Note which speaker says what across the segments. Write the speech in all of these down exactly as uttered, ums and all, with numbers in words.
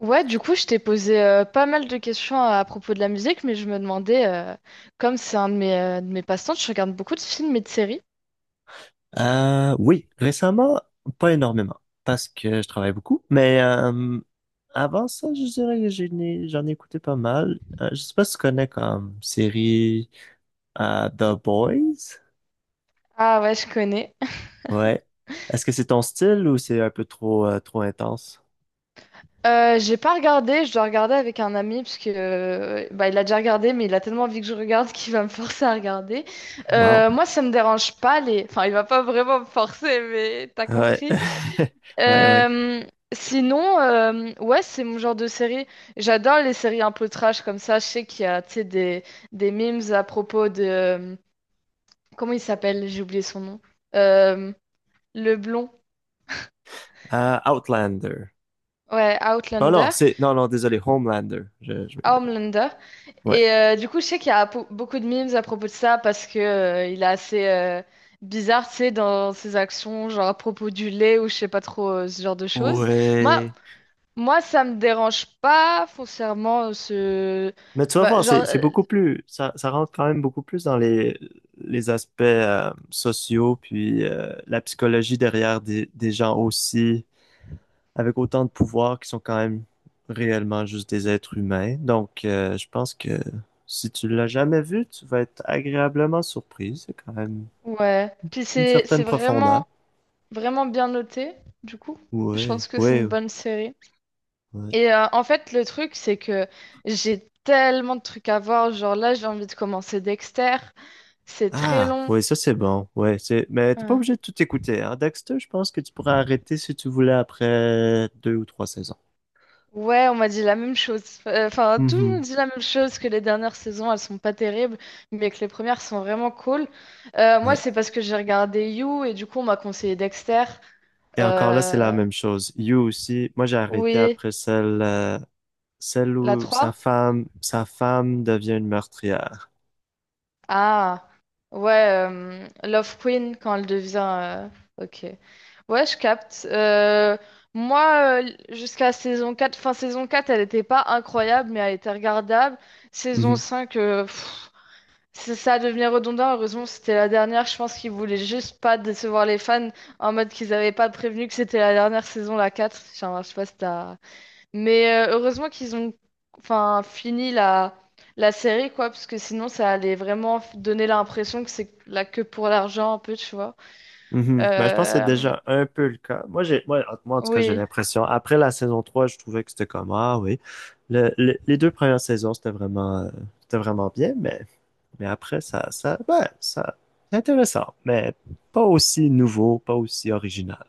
Speaker 1: Ouais, du coup, je t'ai posé euh, pas mal de questions à, à propos de la musique, mais je me demandais, euh, comme c'est un de mes, euh, de mes passe-temps, je regarde beaucoup de films et de séries.
Speaker 2: Euh, oui, récemment, pas énormément, parce que je travaille beaucoup, mais euh, avant ça, je dirais que j'en ai, j'en ai écouté pas mal. Euh, je sais pas si tu connais comme série euh, The Boys.
Speaker 1: Ah ouais, je connais.
Speaker 2: Ouais. Est-ce que c'est ton style ou c'est un peu trop, euh, trop intense?
Speaker 1: Euh, j'ai pas regardé, je dois regarder avec un ami, parce que euh, bah, il a déjà regardé, mais il a tellement envie que je regarde qu'il va me forcer à regarder.
Speaker 2: Wow.
Speaker 1: Euh, moi, ça me dérange pas les. Enfin, il va pas vraiment me forcer, mais t'as
Speaker 2: Ouais.
Speaker 1: compris?
Speaker 2: Ouais, ouais.
Speaker 1: Euh, Sinon, euh, ouais, c'est mon genre de série. J'adore les séries un peu trash comme ça. Je sais qu'il y a, tu sais, des, des memes à propos de... euh, Comment il s'appelle? J'ai oublié son nom. Euh, le blond.
Speaker 2: Euh, Outlander.
Speaker 1: Ouais,
Speaker 2: Oh non,
Speaker 1: Outlander.
Speaker 2: c'est, non, non, désolé, Homelander. Je, je, ouais.
Speaker 1: Homelander.
Speaker 2: Ouais.
Speaker 1: Et euh, du coup, je sais qu'il y a po- beaucoup de memes à propos de ça parce que euh, il est assez euh, bizarre, tu sais, dans ses actions, genre à propos du lait ou je sais pas trop euh, ce genre de choses. Moi,
Speaker 2: Ouais.
Speaker 1: Moi, ça me dérange pas foncièrement euh, ce...
Speaker 2: Mais tu vas
Speaker 1: Bah,
Speaker 2: voir,
Speaker 1: genre,
Speaker 2: c'est, c'est
Speaker 1: euh,
Speaker 2: beaucoup plus, ça, ça rentre quand même beaucoup plus dans les, les aspects euh, sociaux, puis euh, la psychologie derrière des, des gens aussi, avec autant de pouvoir qui sont quand même réellement juste des êtres humains. Donc, euh, je pense que si tu l'as jamais vu, tu vas être agréablement surpris. C'est quand même
Speaker 1: ouais. Puis
Speaker 2: une
Speaker 1: c'est
Speaker 2: certaine
Speaker 1: c'est
Speaker 2: profondeur.
Speaker 1: vraiment, vraiment bien noté, du coup. Je
Speaker 2: Oui,
Speaker 1: pense que c'est
Speaker 2: oui,
Speaker 1: une bonne série.
Speaker 2: oui.
Speaker 1: Et euh, en fait, le truc, c'est que j'ai tellement de trucs à voir. Genre là, j'ai envie de commencer Dexter. C'est très
Speaker 2: Ah,
Speaker 1: long.
Speaker 2: oui, ça c'est bon. Ouais, c'est... Mais t'es pas
Speaker 1: euh,
Speaker 2: obligé de tout écouter. Hein? Dexter, je pense que tu pourrais arrêter si tu voulais après deux ou trois saisons.
Speaker 1: Ouais, on m'a dit la même chose. Euh, Enfin, tout le monde
Speaker 2: Mhm.
Speaker 1: dit la même chose que les dernières saisons, elles sont pas terribles, mais que les premières sont vraiment cool. Euh, moi,
Speaker 2: Ouais.
Speaker 1: c'est parce que j'ai regardé You et du coup, on m'a conseillé Dexter.
Speaker 2: Et encore là, c'est la
Speaker 1: Euh,
Speaker 2: même chose. You aussi, moi j'ai arrêté
Speaker 1: oui,
Speaker 2: après celle, euh, celle
Speaker 1: la
Speaker 2: où sa
Speaker 1: trois.
Speaker 2: femme, sa femme devient une meurtrière.
Speaker 1: Ah, ouais, euh, Love Queen quand elle devient. euh, Ok. Ouais, je capte. Euh, moi, euh, jusqu'à saison quatre, fin saison quatre, elle n'était pas incroyable, mais elle était regardable. Saison
Speaker 2: Mhm.
Speaker 1: cinq, c'est ça devenir redondant, heureusement c'était la dernière, je pense qu'ils voulaient juste pas décevoir les fans en mode qu'ils avaient pas prévenu que c'était la dernière saison, la quatre. Enfin, je sais pas si t'as. Mais euh, heureusement qu'ils ont enfin, fini la, la série, quoi, parce que sinon ça allait vraiment f- donner l'impression que c'est là que pour l'argent un peu, tu vois.
Speaker 2: Mhm. Ben, je pense que c'est
Speaker 1: Euh,
Speaker 2: déjà un peu le cas. Moi, j'ai, moi, en moi, en tout cas, j'ai
Speaker 1: Oui.
Speaker 2: l'impression, après la saison trois je trouvais que c'était comme, ah oui, Le- le- les deux premières saisons, c'était vraiment, euh, c'était vraiment bien, mais Mais après, ça, ça, ouais, ça, c'est intéressant, mais pas aussi nouveau, pas aussi original.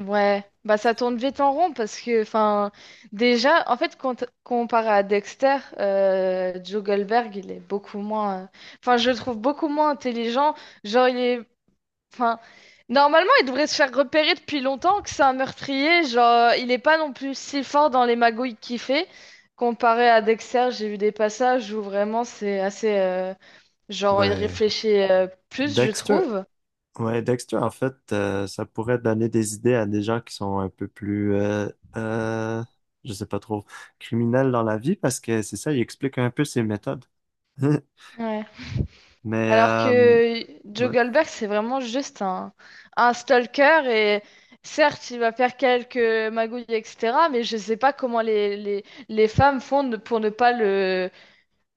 Speaker 1: Ouais, bah ça tourne vite en rond parce que, enfin, déjà, en fait, quand- comparé à Dexter, euh, Joe Goldberg, il est beaucoup moins, euh, enfin, je le trouve beaucoup moins intelligent. Genre, il est, enfin, normalement, il devrait se faire repérer depuis longtemps que c'est un meurtrier. Genre, il est pas non plus si fort dans les magouilles qu'il fait. Comparé à Dexter, j'ai vu des passages où vraiment c'est assez, euh, genre, il
Speaker 2: Ouais.
Speaker 1: réfléchit euh, plus, je
Speaker 2: Dexter,
Speaker 1: trouve.
Speaker 2: ouais, Dexter, en fait, euh, ça pourrait donner des idées à des gens qui sont un peu plus, euh, euh, je sais pas trop, criminels dans la vie, parce que c'est ça, il explique un peu ses méthodes. Mais,
Speaker 1: Alors
Speaker 2: euh,
Speaker 1: que Joe
Speaker 2: ouais.
Speaker 1: Goldberg, c'est vraiment juste un, un stalker et certes, il va faire quelques magouilles, et cetera. Mais je sais pas comment les, les, les femmes font ne- pour ne pas le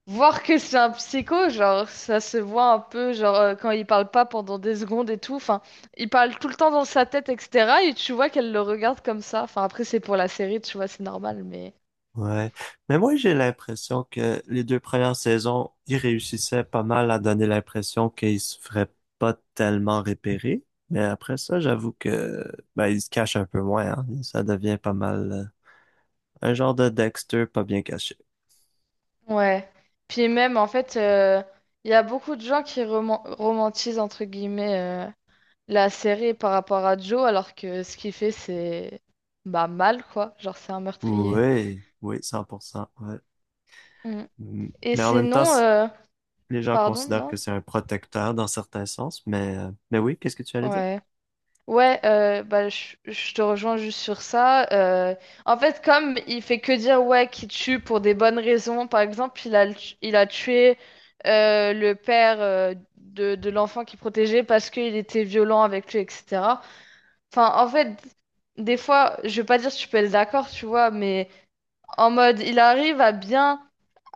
Speaker 1: voir que c'est un psycho. Genre, ça se voit un peu, genre, euh, quand il parle pas pendant des secondes et tout. Enfin, il parle tout le temps dans sa tête, et cetera. Et tu vois qu'elle le regarde comme ça. Enfin, après, c'est pour la série, tu vois, c'est normal, mais.
Speaker 2: Ouais. Mais moi, j'ai l'impression que les deux premières saisons, ils réussissaient pas mal à donner l'impression qu'ils se feraient pas tellement repérer. Mais après ça, j'avoue que, ben, ils se cachent un peu moins, hein. Ça devient pas mal, euh, un genre de Dexter pas bien caché.
Speaker 1: Ouais. Puis même, en fait... euh, il y a beaucoup de gens qui roman- romantisent, entre guillemets, euh, la série par rapport à Joe, alors que ce qu'il fait, c'est bah, mal, quoi. Genre, c'est un meurtrier.
Speaker 2: Oui, oui, cent pour cent, ouais.
Speaker 1: Mm.
Speaker 2: Mm.
Speaker 1: Et
Speaker 2: Mais en même temps,
Speaker 1: sinon,
Speaker 2: c-
Speaker 1: euh,
Speaker 2: les gens
Speaker 1: pardon,
Speaker 2: considèrent
Speaker 1: non?
Speaker 2: que c'est un protecteur dans certains sens. Mais, euh, mais oui, qu'est-ce que tu allais dire?
Speaker 1: Ouais. Ouais, euh, bah, je, je te rejoins juste sur ça. Euh, en fait, comme il fait que dire ouais qu'il tue pour des bonnes raisons, par exemple, il a, le- il a tué euh, le père euh, de, de l'enfant qu'il protégeait parce qu'il était violent avec lui, et cetera. Enfin, en fait, des fois, je veux pas dire que je peux être d'accord, tu vois, mais en mode, il arrive à bien,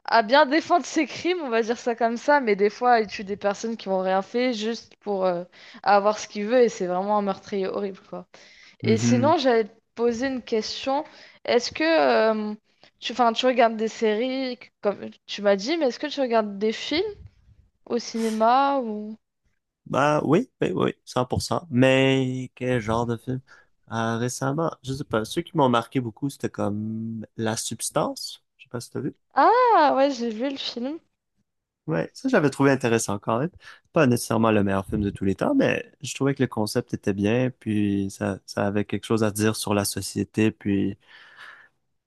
Speaker 1: à bien défendre ses crimes, on va dire ça comme ça, mais des fois, il tue des personnes qui n'ont rien fait juste pour euh, avoir ce qu'il veut et c'est vraiment un meurtrier horrible, quoi. Et sinon, j'allais te poser une question. Est-ce que euh, tu, enfin, tu regardes des séries, comme tu m'as dit, mais est-ce que tu regardes des films au cinéma ou.
Speaker 2: Bah oui, oui, oui, cent pour cent. Mais quel genre de film? Euh, récemment, je sais pas, ceux qui m'ont marqué beaucoup, c'était comme La Substance. Je sais pas si t'as vu.
Speaker 1: Ah, ouais, j'ai vu le film.
Speaker 2: Ouais, ça j'avais trouvé intéressant quand même. Pas nécessairement le meilleur film de tous les temps, mais je trouvais que le concept était bien, puis ça, ça avait quelque chose à dire sur la société, puis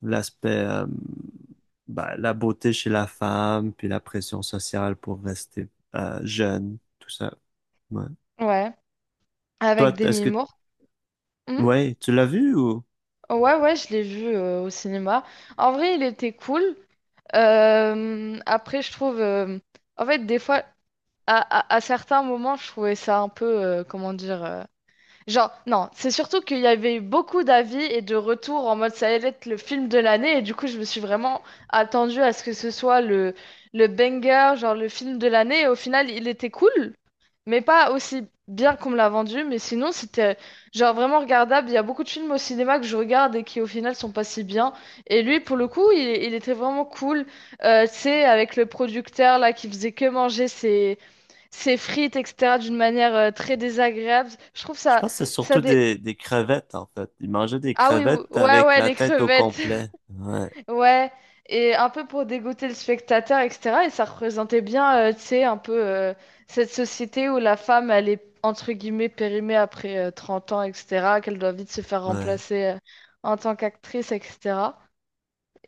Speaker 2: l'aspect, euh, bah, la beauté chez la femme, puis la pression sociale pour rester euh, jeune, tout ça. Ouais.
Speaker 1: Ouais,
Speaker 2: Toi,
Speaker 1: avec
Speaker 2: t- est-ce
Speaker 1: Demi
Speaker 2: que,
Speaker 1: Moore. Hmm.
Speaker 2: ouais, tu l'as vu ou?
Speaker 1: Ouais, ouais, je l'ai vu euh, au cinéma. En vrai, il était cool. Euh, après, je trouve, euh, en fait, des fois, à, à- à certains moments, je trouvais ça un peu, euh, comment dire. euh, Genre, non, c'est surtout qu'il y avait eu beaucoup d'avis et de retours en mode ça allait être le film de l'année et du coup je me suis vraiment attendue à ce que ce soit le, le banger, genre le film de l'année et au final il était cool, mais pas aussi bien qu'on me l'a vendu, mais sinon c'était genre vraiment regardable. Il y a beaucoup de films au cinéma que je regarde et qui au final sont pas si bien et lui pour le coup il, il était vraiment cool, euh, tu sais, avec le producteur là qui faisait que manger ses, ses frites, et cetera, d'une manière euh, très désagréable. Je trouve
Speaker 2: Je
Speaker 1: ça,
Speaker 2: pense que c'est
Speaker 1: ça
Speaker 2: surtout
Speaker 1: dé...
Speaker 2: des, des crevettes, en fait. Ils mangeaient des
Speaker 1: Ah oui, ou-
Speaker 2: crevettes
Speaker 1: ouais,
Speaker 2: avec
Speaker 1: ouais,
Speaker 2: la
Speaker 1: les
Speaker 2: tête au
Speaker 1: crevettes,
Speaker 2: complet. Ouais,
Speaker 1: ouais, et un peu pour dégoûter le spectateur, et cetera. Et ça représentait bien, euh, tu sais, un peu euh, cette société où la femme, elle est entre guillemets périmée après euh, 30 ans, et cetera, qu'elle doit vite se faire
Speaker 2: ouais,
Speaker 1: remplacer euh, en tant qu'actrice, et cetera.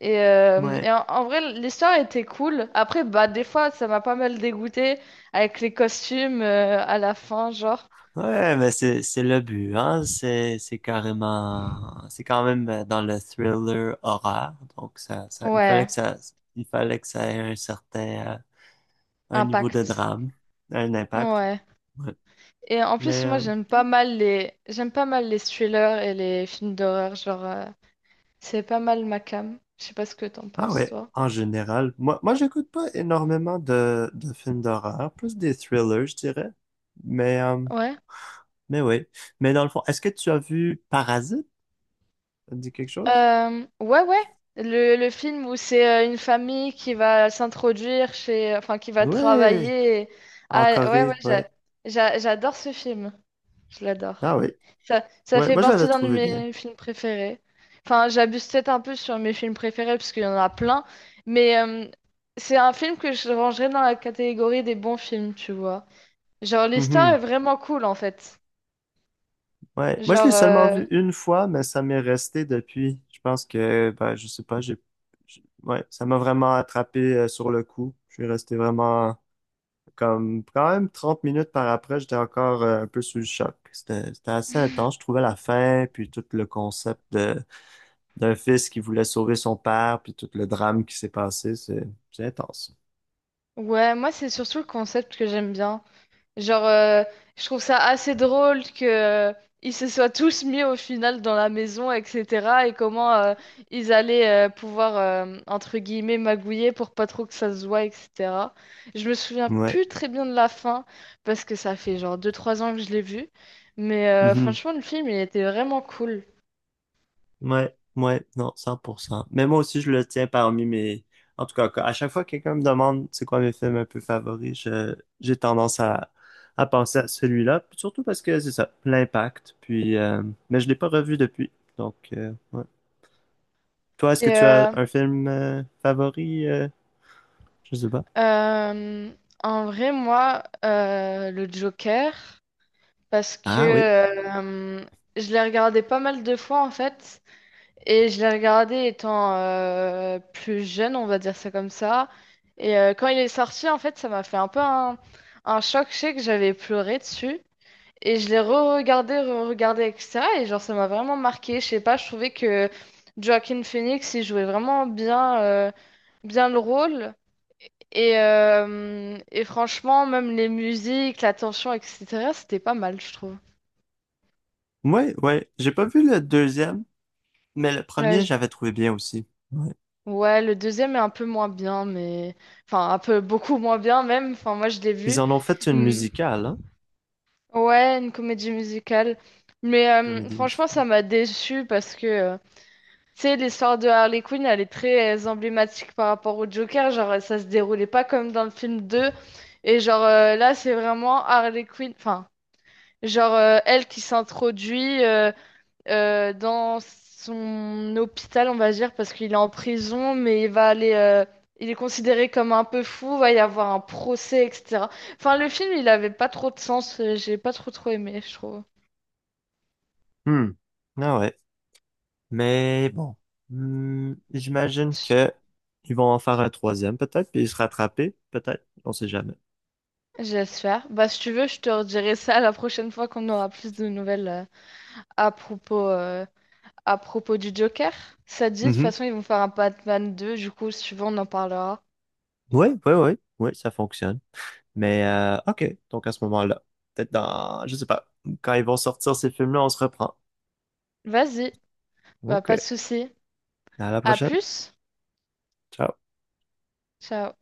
Speaker 1: Et, euh, et
Speaker 2: ouais.
Speaker 1: en, en vrai, l'histoire était cool. Après, bah, des fois, ça m'a pas mal dégoûté avec les costumes euh, à la fin, genre.
Speaker 2: Ouais, mais c'est, c'est le but, hein. C'est, c'est carrément, c'est quand même euh, dans le thriller horreur. Donc, ça, ça, il fallait
Speaker 1: Ouais.
Speaker 2: que ça, il fallait que ça ait un certain, euh, un niveau de
Speaker 1: Impact.
Speaker 2: drame, un impact.
Speaker 1: Ouais.
Speaker 2: Ouais. Ouais.
Speaker 1: Et en plus,
Speaker 2: Mais,
Speaker 1: moi,
Speaker 2: euh,
Speaker 1: j'aime pas mal les, j'aime pas mal les thrillers et les films d'horreur. Genre, euh, c'est pas mal ma came. Je sais pas ce que t'en
Speaker 2: ah
Speaker 1: penses,
Speaker 2: ouais,
Speaker 1: toi.
Speaker 2: en général, moi, moi, j'écoute pas énormément de, de films d'horreur, plus des thrillers, je dirais. Mais, euh,
Speaker 1: Ouais.
Speaker 2: Mais oui. Mais dans le fond, est-ce que tu as vu Parasite? Ça te dit quelque chose?
Speaker 1: Euh, ouais, ouais. Le, le film où c'est euh, une famille qui va s'introduire chez, enfin, qui va
Speaker 2: Ouais.
Speaker 1: travailler. et-
Speaker 2: En
Speaker 1: Ah, ouais, ouais,
Speaker 2: Corée,
Speaker 1: j'a-
Speaker 2: ouais.
Speaker 1: j'a- j'adore ce film. Je
Speaker 2: Ah
Speaker 1: l'adore.
Speaker 2: oui.
Speaker 1: Ça, ça
Speaker 2: Ouais,
Speaker 1: fait
Speaker 2: moi je
Speaker 1: partie
Speaker 2: l'avais
Speaker 1: d'un de
Speaker 2: trouvé bien.
Speaker 1: mes films préférés. Enfin, j'abuse peut-être un peu sur mes films préférés parce qu'il y en a plein, mais euh, c'est un film que je rangerais dans la catégorie des bons films, tu vois. Genre, l'histoire est
Speaker 2: Mhm.
Speaker 1: vraiment cool en fait.
Speaker 2: Ouais. Moi je l'ai
Speaker 1: Genre,
Speaker 2: seulement
Speaker 1: euh,
Speaker 2: vu une fois, mais ça m'est resté depuis. Je pense que, ben, je sais pas, j'ai. j'- Ouais, ça m'a vraiment attrapé euh, sur le coup. Je suis resté vraiment comme quand même trente minutes par après, j'étais encore euh, un peu sous le choc. C'était c'était assez intense. Je trouvais la fin, puis tout le concept d'un fils qui voulait sauver son père, puis tout le drame qui s'est passé, c'est c'est intense.
Speaker 1: ouais, moi c'est surtout le concept que j'aime bien. Genre, euh, je trouve ça assez drôle que euh, ils se soient tous mis au final dans la maison, et cetera. Et comment euh, ils allaient euh, pouvoir, euh, entre guillemets, magouiller pour pas trop que ça se voie, et cetera. Je me souviens
Speaker 2: Ouais.
Speaker 1: plus très bien de la fin, parce que ça fait genre deux trois ans que je l'ai vu. Mais euh,
Speaker 2: Mhm.
Speaker 1: franchement, le film, il était vraiment cool.
Speaker 2: Ouais, ouais, non, cent pour cent. Mais moi aussi, je le tiens parmi mes. En tout cas, à chaque fois que quelqu'un me demande c'est quoi mes films un peu favoris, je- j'ai tendance à, à penser à celui-là, puis surtout parce que c'est ça, l'impact, puis... euh, Mais je l'ai pas revu depuis, donc... euh, ouais. Toi, est-ce que
Speaker 1: Et
Speaker 2: tu as
Speaker 1: euh,
Speaker 2: un film euh, favori? euh, Je sais pas.
Speaker 1: euh, en vrai, moi, euh, le Joker, parce que
Speaker 2: Ah oui.
Speaker 1: euh, je l'ai regardé pas mal de fois, en fait. Et je l'ai regardé étant euh, plus jeune, on va dire ça comme ça. Et euh, quand il est sorti, en fait, ça m'a fait un peu un, un choc. Je sais que j'avais pleuré dessus. Et je l'ai re-regardé, re-regardé, et cetera. Et genre, ça m'a vraiment marqué. Je sais pas, je trouvais que Joaquin Phoenix, il jouait vraiment bien, euh, bien le rôle. Et, euh, et franchement, même les musiques, la tension, et cetera, c'était pas mal, je trouve.
Speaker 2: Ouais, ouais. J'ai pas vu le deuxième. Mais le
Speaker 1: Euh,
Speaker 2: premier, j'avais trouvé bien aussi. Ouais.
Speaker 1: Ouais, le deuxième est un peu moins bien, mais. Enfin, un peu beaucoup moins bien même. Enfin, moi, je l'ai
Speaker 2: Ils
Speaker 1: vu.
Speaker 2: en ont fait une
Speaker 1: Hmm.
Speaker 2: musicale, hein?
Speaker 1: Ouais, une comédie musicale. Mais euh,
Speaker 2: Comédie
Speaker 1: franchement, ça
Speaker 2: musicale.
Speaker 1: m'a déçue parce que, euh, tu sais, l'histoire de Harley Quinn, elle est très euh, emblématique par rapport au Joker. Genre, ça se déroulait pas comme dans le film deux. Et genre, euh, là, c'est vraiment Harley Quinn. Enfin, genre, euh, elle qui s'introduit, euh, euh, dans son hôpital, on va dire, parce qu'il est en prison, mais il va aller, euh, il est considéré comme un peu fou, va y avoir un procès, et cetera. Enfin, le film, il avait pas trop de sens, euh, j'ai pas trop trop aimé, je trouve.
Speaker 2: Hmm. Ah ouais. Mais bon. Hmm, J'imagine que ils vont en faire un troisième, peut-être, puis ils se rattraper, peut-être. On sait jamais.
Speaker 1: J'espère. Bah, si tu veux, je te redirai ça la prochaine fois qu'on aura plus de nouvelles euh, à propos, euh, à propos du Joker. Ça te dit, de toute
Speaker 2: Mhm.
Speaker 1: façon, ils vont faire un Batman deux, du coup, si tu veux, on en parlera.
Speaker 2: Oui, oui, oui, ouais, ça fonctionne. Mais euh, OK. Donc à ce moment-là, peut-être dans, je sais pas, quand ils vont sortir ces films-là, on se reprend.
Speaker 1: Vas-y, bah,
Speaker 2: OK.
Speaker 1: pas de souci.
Speaker 2: À la
Speaker 1: À
Speaker 2: prochaine.
Speaker 1: plus.
Speaker 2: Ciao.
Speaker 1: Ciao.